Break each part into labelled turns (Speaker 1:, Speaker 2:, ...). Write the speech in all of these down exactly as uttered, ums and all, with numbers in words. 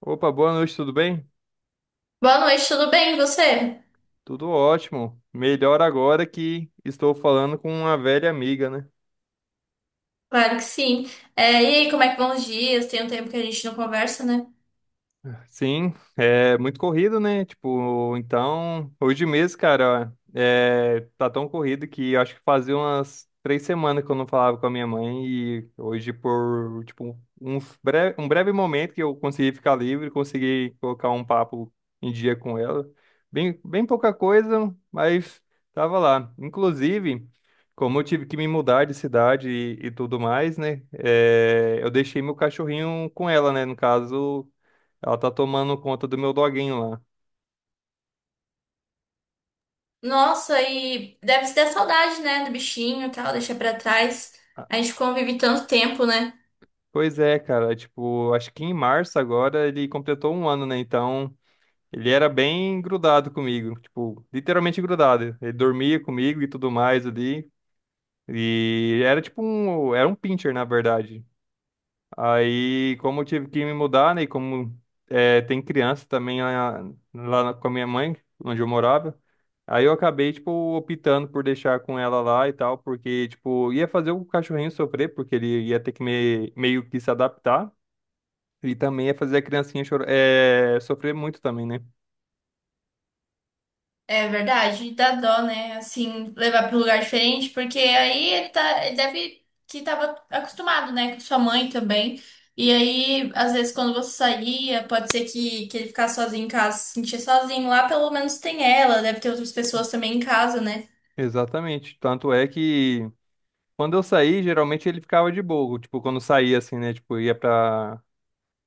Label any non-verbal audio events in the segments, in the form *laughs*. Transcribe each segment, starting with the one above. Speaker 1: Opa, boa noite, tudo bem?
Speaker 2: Boa noite, tudo bem? E você?
Speaker 1: Tudo ótimo. Melhor agora que estou falando com uma velha amiga, né?
Speaker 2: Claro que sim. É, e aí, como é que vão os dias? Tem um tempo que a gente não conversa, né?
Speaker 1: Sim, é muito corrido, né? Tipo, então, hoje mesmo, cara, é, tá tão corrido que eu acho que fazia umas três semanas que eu não falava com a minha mãe e hoje, por, tipo, um breve, um breve momento que eu consegui ficar livre, consegui colocar um papo em dia com ela. Bem, bem pouca coisa, mas tava lá. Inclusive, como eu tive que me mudar de cidade e, e tudo mais, né? É, eu deixei meu cachorrinho com ela, né? No caso. Ela tá tomando conta do meu doguinho lá.
Speaker 2: Nossa, e deve se dar saudade, né? Do bichinho e tal, deixar pra trás.
Speaker 1: Ah,
Speaker 2: A gente convive tanto tempo, né?
Speaker 1: pois é, cara. Tipo, acho que em março agora ele completou um ano, né? Então, ele era bem grudado comigo. Tipo, literalmente grudado. Ele dormia comigo e tudo mais ali. E era tipo um. Era um pincher, na verdade. Aí, como eu tive que me mudar, né? E como é, tem criança também lá, lá na- com a minha mãe, onde eu morava, aí eu acabei, tipo, optando por deixar com ela lá e tal, porque, tipo, ia fazer o cachorrinho sofrer, porque ele ia ter que me- meio que se adaptar, e também ia fazer a criancinha chora, é, sofrer muito também, né?
Speaker 2: É verdade, dá dó, né? Assim, levar pra um lugar diferente, porque aí ele tá, ele deve que tava acostumado, né? Com sua mãe também. E aí, às vezes, quando você saía, pode ser que, que ele ficasse sozinho em casa, se sentia sozinho. Lá, pelo menos, tem ela, deve ter outras pessoas também em casa, né?
Speaker 1: Exatamente. Tanto é que quando eu saí, geralmente ele ficava de boa, tipo, quando saía, assim, né? Tipo, ia pra.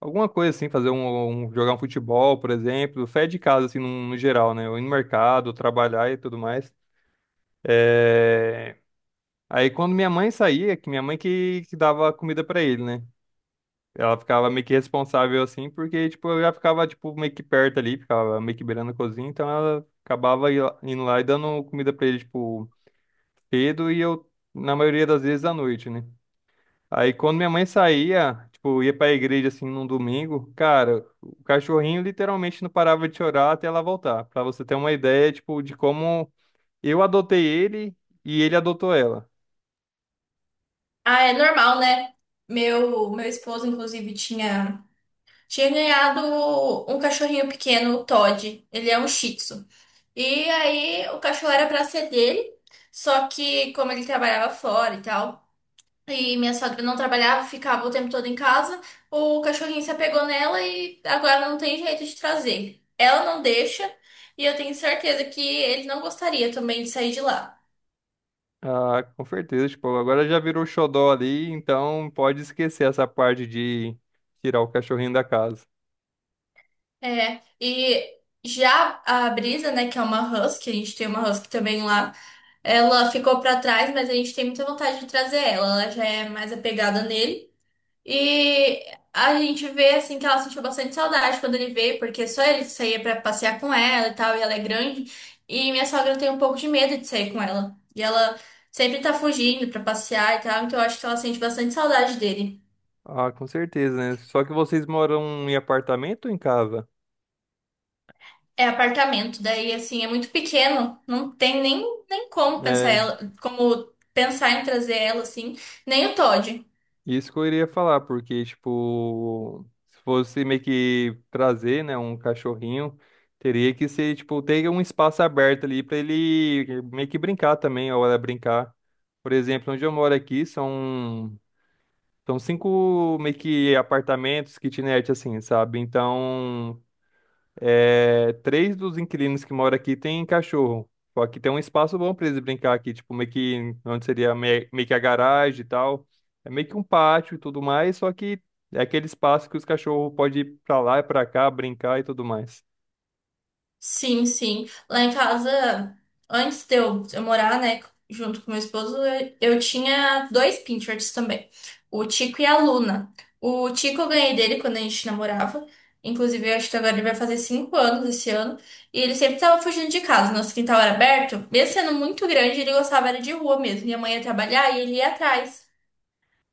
Speaker 1: Alguma coisa assim, fazer um, um- jogar um futebol, por exemplo, fé de casa, assim, no, no geral, né? Ou ir no mercado, trabalhar e tudo mais. Aí quando minha mãe saía, é que minha mãe que, que dava comida pra ele, né? Ela ficava meio que responsável assim, porque, tipo, eu já ficava, tipo, meio que perto ali, ficava meio que beirando a cozinha, então ela acabava i- indo lá e dando comida pra ele, tipo, cedo e eu, na maioria das vezes, à noite, né? Aí quando minha mãe saía, tipo, ia pra igreja assim num domingo, cara, o cachorrinho literalmente não parava de chorar até ela voltar. Pra você ter uma ideia, tipo, de como eu adotei ele e ele adotou ela.
Speaker 2: Ah, é normal, né? Meu, meu esposo, inclusive, tinha, tinha ganhado um cachorrinho pequeno, o Todd. Ele é um Shih Tzu. E aí, o cachorro era pra ser dele, só que como ele trabalhava fora e tal, e minha sogra não trabalhava, ficava o tempo todo em casa, o cachorrinho se apegou nela e agora não tem jeito de trazer. Ela não deixa, e eu tenho certeza que ele não gostaria também de sair de lá.
Speaker 1: Ah, com certeza, tipo, agora já virou xodó ali, então pode esquecer essa parte de tirar o cachorrinho da casa.
Speaker 2: É, e já a Brisa, né, que é uma husky, a gente tem uma husky também lá, ela ficou pra trás, mas a gente tem muita vontade de trazer ela, ela já é mais apegada nele. E a gente vê, assim, que ela sentiu bastante saudade quando ele veio, porque só ele saía pra passear com ela e tal, e ela é grande. E minha sogra tem um pouco de medo de sair com ela. E ela sempre tá fugindo pra passear e tal, então eu acho que ela sente bastante saudade dele.
Speaker 1: Ah, com certeza, né? Só que vocês moram em apartamento ou em casa?
Speaker 2: É apartamento, daí assim, é muito pequeno, não tem nem, nem como pensar
Speaker 1: É,
Speaker 2: ela, como pensar em trazer ela assim, nem o Todd.
Speaker 1: Isso que eu iria falar, porque, tipo, se fosse meio que trazer, né, um cachorrinho, teria que ser, tipo, ter um espaço aberto ali pra ele meio que brincar também, a hora de brincar. Por exemplo, onde eu moro aqui são, são cinco meio que apartamentos, kitnet, assim, sabe? Então, é, três dos inquilinos que moram aqui tem cachorro. Só que tem um espaço bom pra eles brincar aqui, tipo, meio que onde seria me- meio que a garagem e tal. É meio que um pátio e tudo mais, só que é aquele espaço que os cachorros podem ir pra lá e pra cá, brincar e tudo mais.
Speaker 2: Sim, sim. Lá em casa, antes de eu, eu morar, né, junto com meu esposo, eu, eu tinha dois Pinterest também, o Tico e a Luna. O Tico eu ganhei dele quando a gente namorava. Inclusive, eu acho que agora ele vai fazer cinco anos esse ano. E ele sempre tava fugindo de casa. Nosso quintal era aberto. Mesmo sendo muito grande, ele gostava era de rua mesmo. Minha mãe ia trabalhar e ele ia atrás.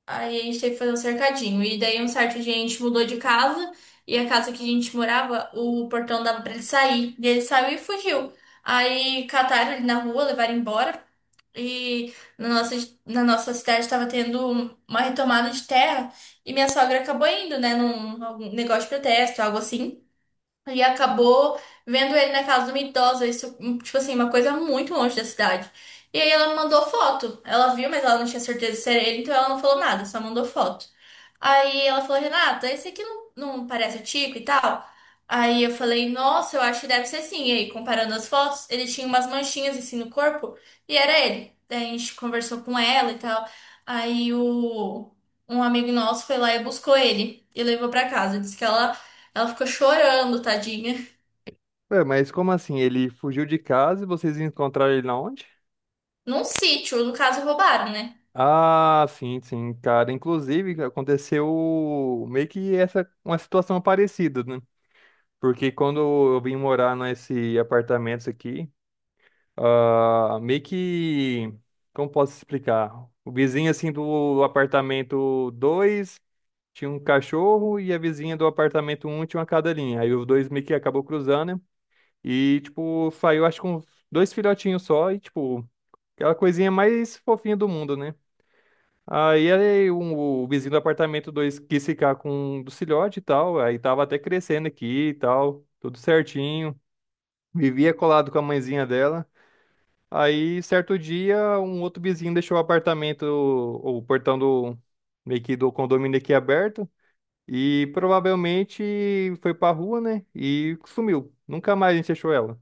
Speaker 2: Aí a gente teve que fazer um cercadinho. E daí, um certo dia, a gente mudou de casa. E a casa que a gente morava, o portão dava pra ele sair. E ele saiu e fugiu. Aí cataram ele na rua, levaram embora. E na nossa, na nossa cidade estava tendo uma retomada de terra. E minha sogra acabou indo, né, num algum negócio de protesto, algo assim. E acabou vendo ele na casa de uma idosa, isso, hum, tipo assim, uma coisa muito longe da cidade. E aí ela me mandou foto. Ela viu, mas ela não tinha certeza se era ele, então ela não falou nada, só mandou foto. Aí ela falou, Renata, esse aqui não, não parece o Tico e tal? Aí eu falei, nossa, eu acho que deve ser sim. E aí, comparando as fotos, ele tinha umas manchinhas assim no corpo e era ele. Daí a gente conversou com ela e tal. Aí o, Um amigo nosso foi lá e buscou ele e levou pra casa. Disse que ela ela ficou chorando, tadinha.
Speaker 1: Ué, mas como assim? Ele fugiu de casa e vocês encontraram ele na onde?
Speaker 2: Num sítio, no caso, roubaram, né?
Speaker 1: Ah, sim, sim, cara. Inclusive, aconteceu meio que essa uma situação parecida, né? Porque quando eu vim morar nesse apartamento aqui. Ah, meio que. Como posso explicar? O vizinho, assim, do apartamento dois tinha um cachorro e a vizinha do apartamento um tinha uma cadelinha. Aí os dois meio que acabou cruzando, né? E, tipo, saiu, acho que com dois filhotinhos só e, tipo, aquela coisinha mais fofinha do mundo, né? Aí, aí um- o vizinho do apartamento dois quis ficar com um do filhote e tal. Aí tava até crescendo aqui e tal, tudo certinho. Vivia colado com a mãezinha dela. Aí, certo dia, um outro vizinho deixou o apartamento, o o portão do, meio que do condomínio aqui aberto. E provavelmente foi pra rua, né? E sumiu. Nunca mais a gente achou ela.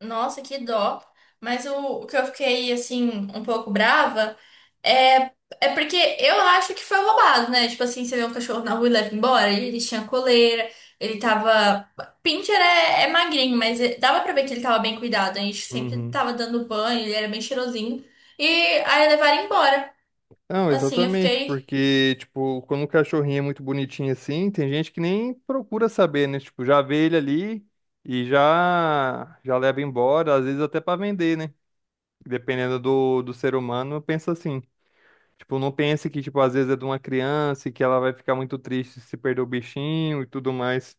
Speaker 2: Nossa, que dó. Mas o, o que eu fiquei, assim, um pouco brava é, é porque eu acho que foi roubado, né? Tipo assim, você vê um cachorro na rua e leva embora, ele, ele tinha coleira, ele tava. Pincher é, é magrinho, mas é- dava pra ver que ele tava bem cuidado. A gente sempre
Speaker 1: Uhum.
Speaker 2: tava dando banho, ele era bem cheirosinho. E aí levaram embora.
Speaker 1: Não,
Speaker 2: Assim, eu
Speaker 1: exatamente,
Speaker 2: fiquei.
Speaker 1: porque, tipo, quando o cachorrinho é muito bonitinho assim, tem gente que nem procura saber, né? Tipo, já vê ele ali e já já leva embora, às vezes até pra vender, né? Dependendo do, do ser humano, pensa assim. Tipo, não pense que, tipo, às vezes é de uma criança e que ela vai ficar muito triste se perder o bichinho e tudo mais.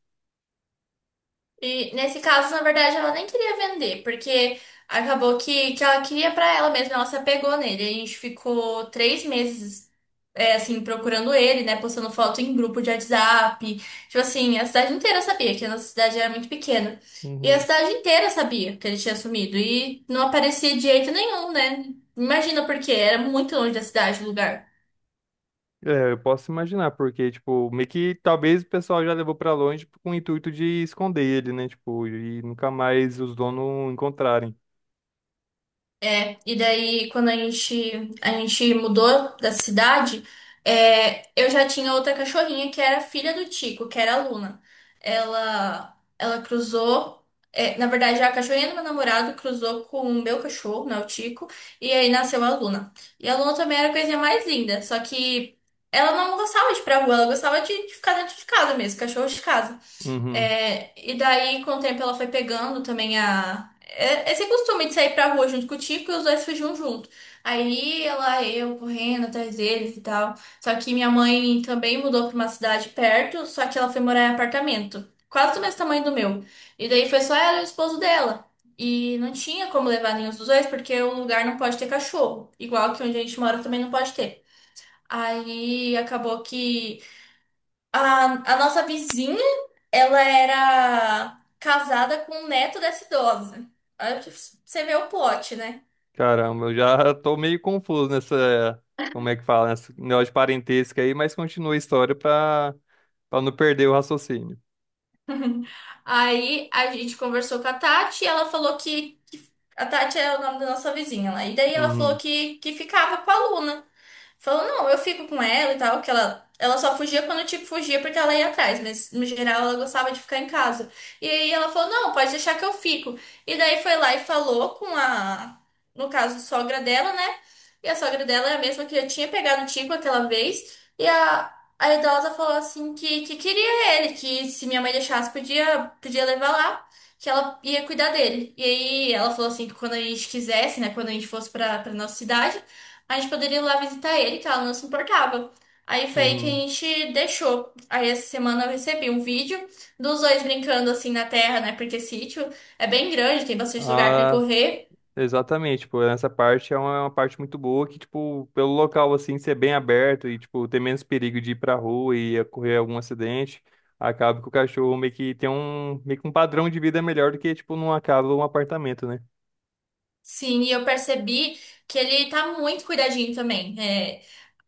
Speaker 2: E nesse caso, na verdade, ela nem queria vender, porque acabou que, que ela queria pra ela mesma, ela se apegou nele. A gente ficou três meses, é, assim, procurando ele, né? Postando foto em grupo de WhatsApp. Tipo assim, a cidade inteira sabia, que a nossa cidade era muito pequena. E a
Speaker 1: Uhum.
Speaker 2: cidade inteira sabia que ele tinha sumido. E não aparecia de jeito nenhum, né? Imagina porque era muito longe da cidade, o lugar.
Speaker 1: É, eu posso imaginar, porque, tipo, meio que talvez o pessoal já levou pra longe com o intuito de esconder ele, né? Tipo, e nunca mais os donos encontrarem.
Speaker 2: É, e daí quando a gente, a gente mudou da cidade, é, eu já tinha outra cachorrinha que era filha do Tico, que era a Luna. Ela, ela cruzou, é, na verdade a cachorrinha do meu namorado cruzou com o meu cachorro, né, o Tico, e aí nasceu a Luna. E a Luna também era a coisinha mais linda, só que ela não gostava de ir pra rua, ela gostava de, de ficar dentro de casa mesmo, cachorro de casa.
Speaker 1: Uhum.
Speaker 2: É, e daí, com o tempo, ela foi pegando também a. é- esse costume de sair pra rua junto com o Tico e os dois fugiam junto. Aí ela, eu correndo atrás deles e tal. Só que minha mãe também mudou pra uma cidade perto, só que ela foi morar em apartamento, quase do mesmo tamanho do meu. E daí foi só ela e o esposo dela. E não tinha como levar nenhum dos dois, porque o lugar não pode ter cachorro. Igual que onde a gente mora também não pode ter. Aí acabou que a, a nossa vizinha, ela era casada com o neto dessa idosa. Aí você vê o plot, né?
Speaker 1: Caramba, eu já *laughs* tô meio confuso nessa, como é que fala, nessa negócio de parentesco aí, mas continua a história pra, pra não perder o raciocínio.
Speaker 2: *laughs* Aí a gente conversou com a Tati e ela falou que. A Tati é o nome da nossa vizinha lá. E daí ela falou
Speaker 1: Uhum.
Speaker 2: que, que ficava com a Luna. Falou, não, eu fico com ela e tal, que ela, ela só fugia quando, tipo, fugia porque ela ia atrás, mas no geral ela gostava de ficar em casa. E aí ela falou, não, pode deixar que eu fico. E daí foi lá e falou com a, no caso, sogra dela, né? E a sogra dela é a mesma que já tinha pegado o Tico aquela vez. E a, a idosa falou assim que, que queria ele, que se minha mãe deixasse, podia, podia levar lá. Que ela ia cuidar dele. E aí ela falou assim que quando a gente quisesse, né? Quando a gente fosse pra, pra nossa cidade. A gente poderia ir lá visitar ele, que ela não se importava. Aí foi aí que a
Speaker 1: Uhum.
Speaker 2: gente deixou. Aí essa semana eu recebi um vídeo dos dois brincando assim na terra, né? Porque sítio é bem grande, tem bastante lugar para ele
Speaker 1: Ah,
Speaker 2: correr.
Speaker 1: exatamente, tipo, essa parte é uma, é uma parte muito boa que, tipo, pelo local, assim, ser bem aberto e, tipo, ter menos perigo de ir pra rua e ocorrer algum acidente, acaba que o cachorro meio que tem um, meio que um padrão de vida melhor do que, tipo, numa casa ou um apartamento, né?
Speaker 2: Sim, e eu percebi que ele tá muito cuidadinho também. É,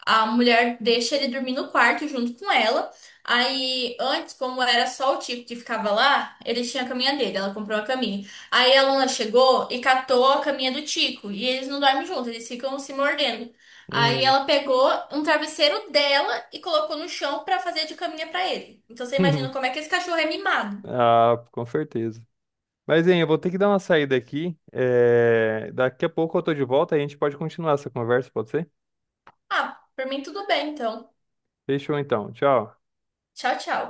Speaker 2: a mulher deixa ele dormir no quarto junto com ela. Aí, antes, como era só o Tico que ficava lá, ele tinha a caminha dele, ela comprou a caminha. Aí a Luna chegou e catou a caminha do Tico. E eles não dormem juntos, eles ficam se mordendo. Aí
Speaker 1: Uhum.
Speaker 2: ela pegou um travesseiro dela e colocou no chão pra fazer de caminha pra ele. Então você imagina como é
Speaker 1: *laughs*
Speaker 2: que esse cachorro é mimado.
Speaker 1: Ah, com certeza. Mas, hein, eu vou ter que dar uma saída aqui, é, daqui a pouco eu tô de volta e a gente pode continuar essa conversa, pode ser?
Speaker 2: Ah, por mim tudo bem, então.
Speaker 1: Fechou, então, tchau.
Speaker 2: Tchau, tchau.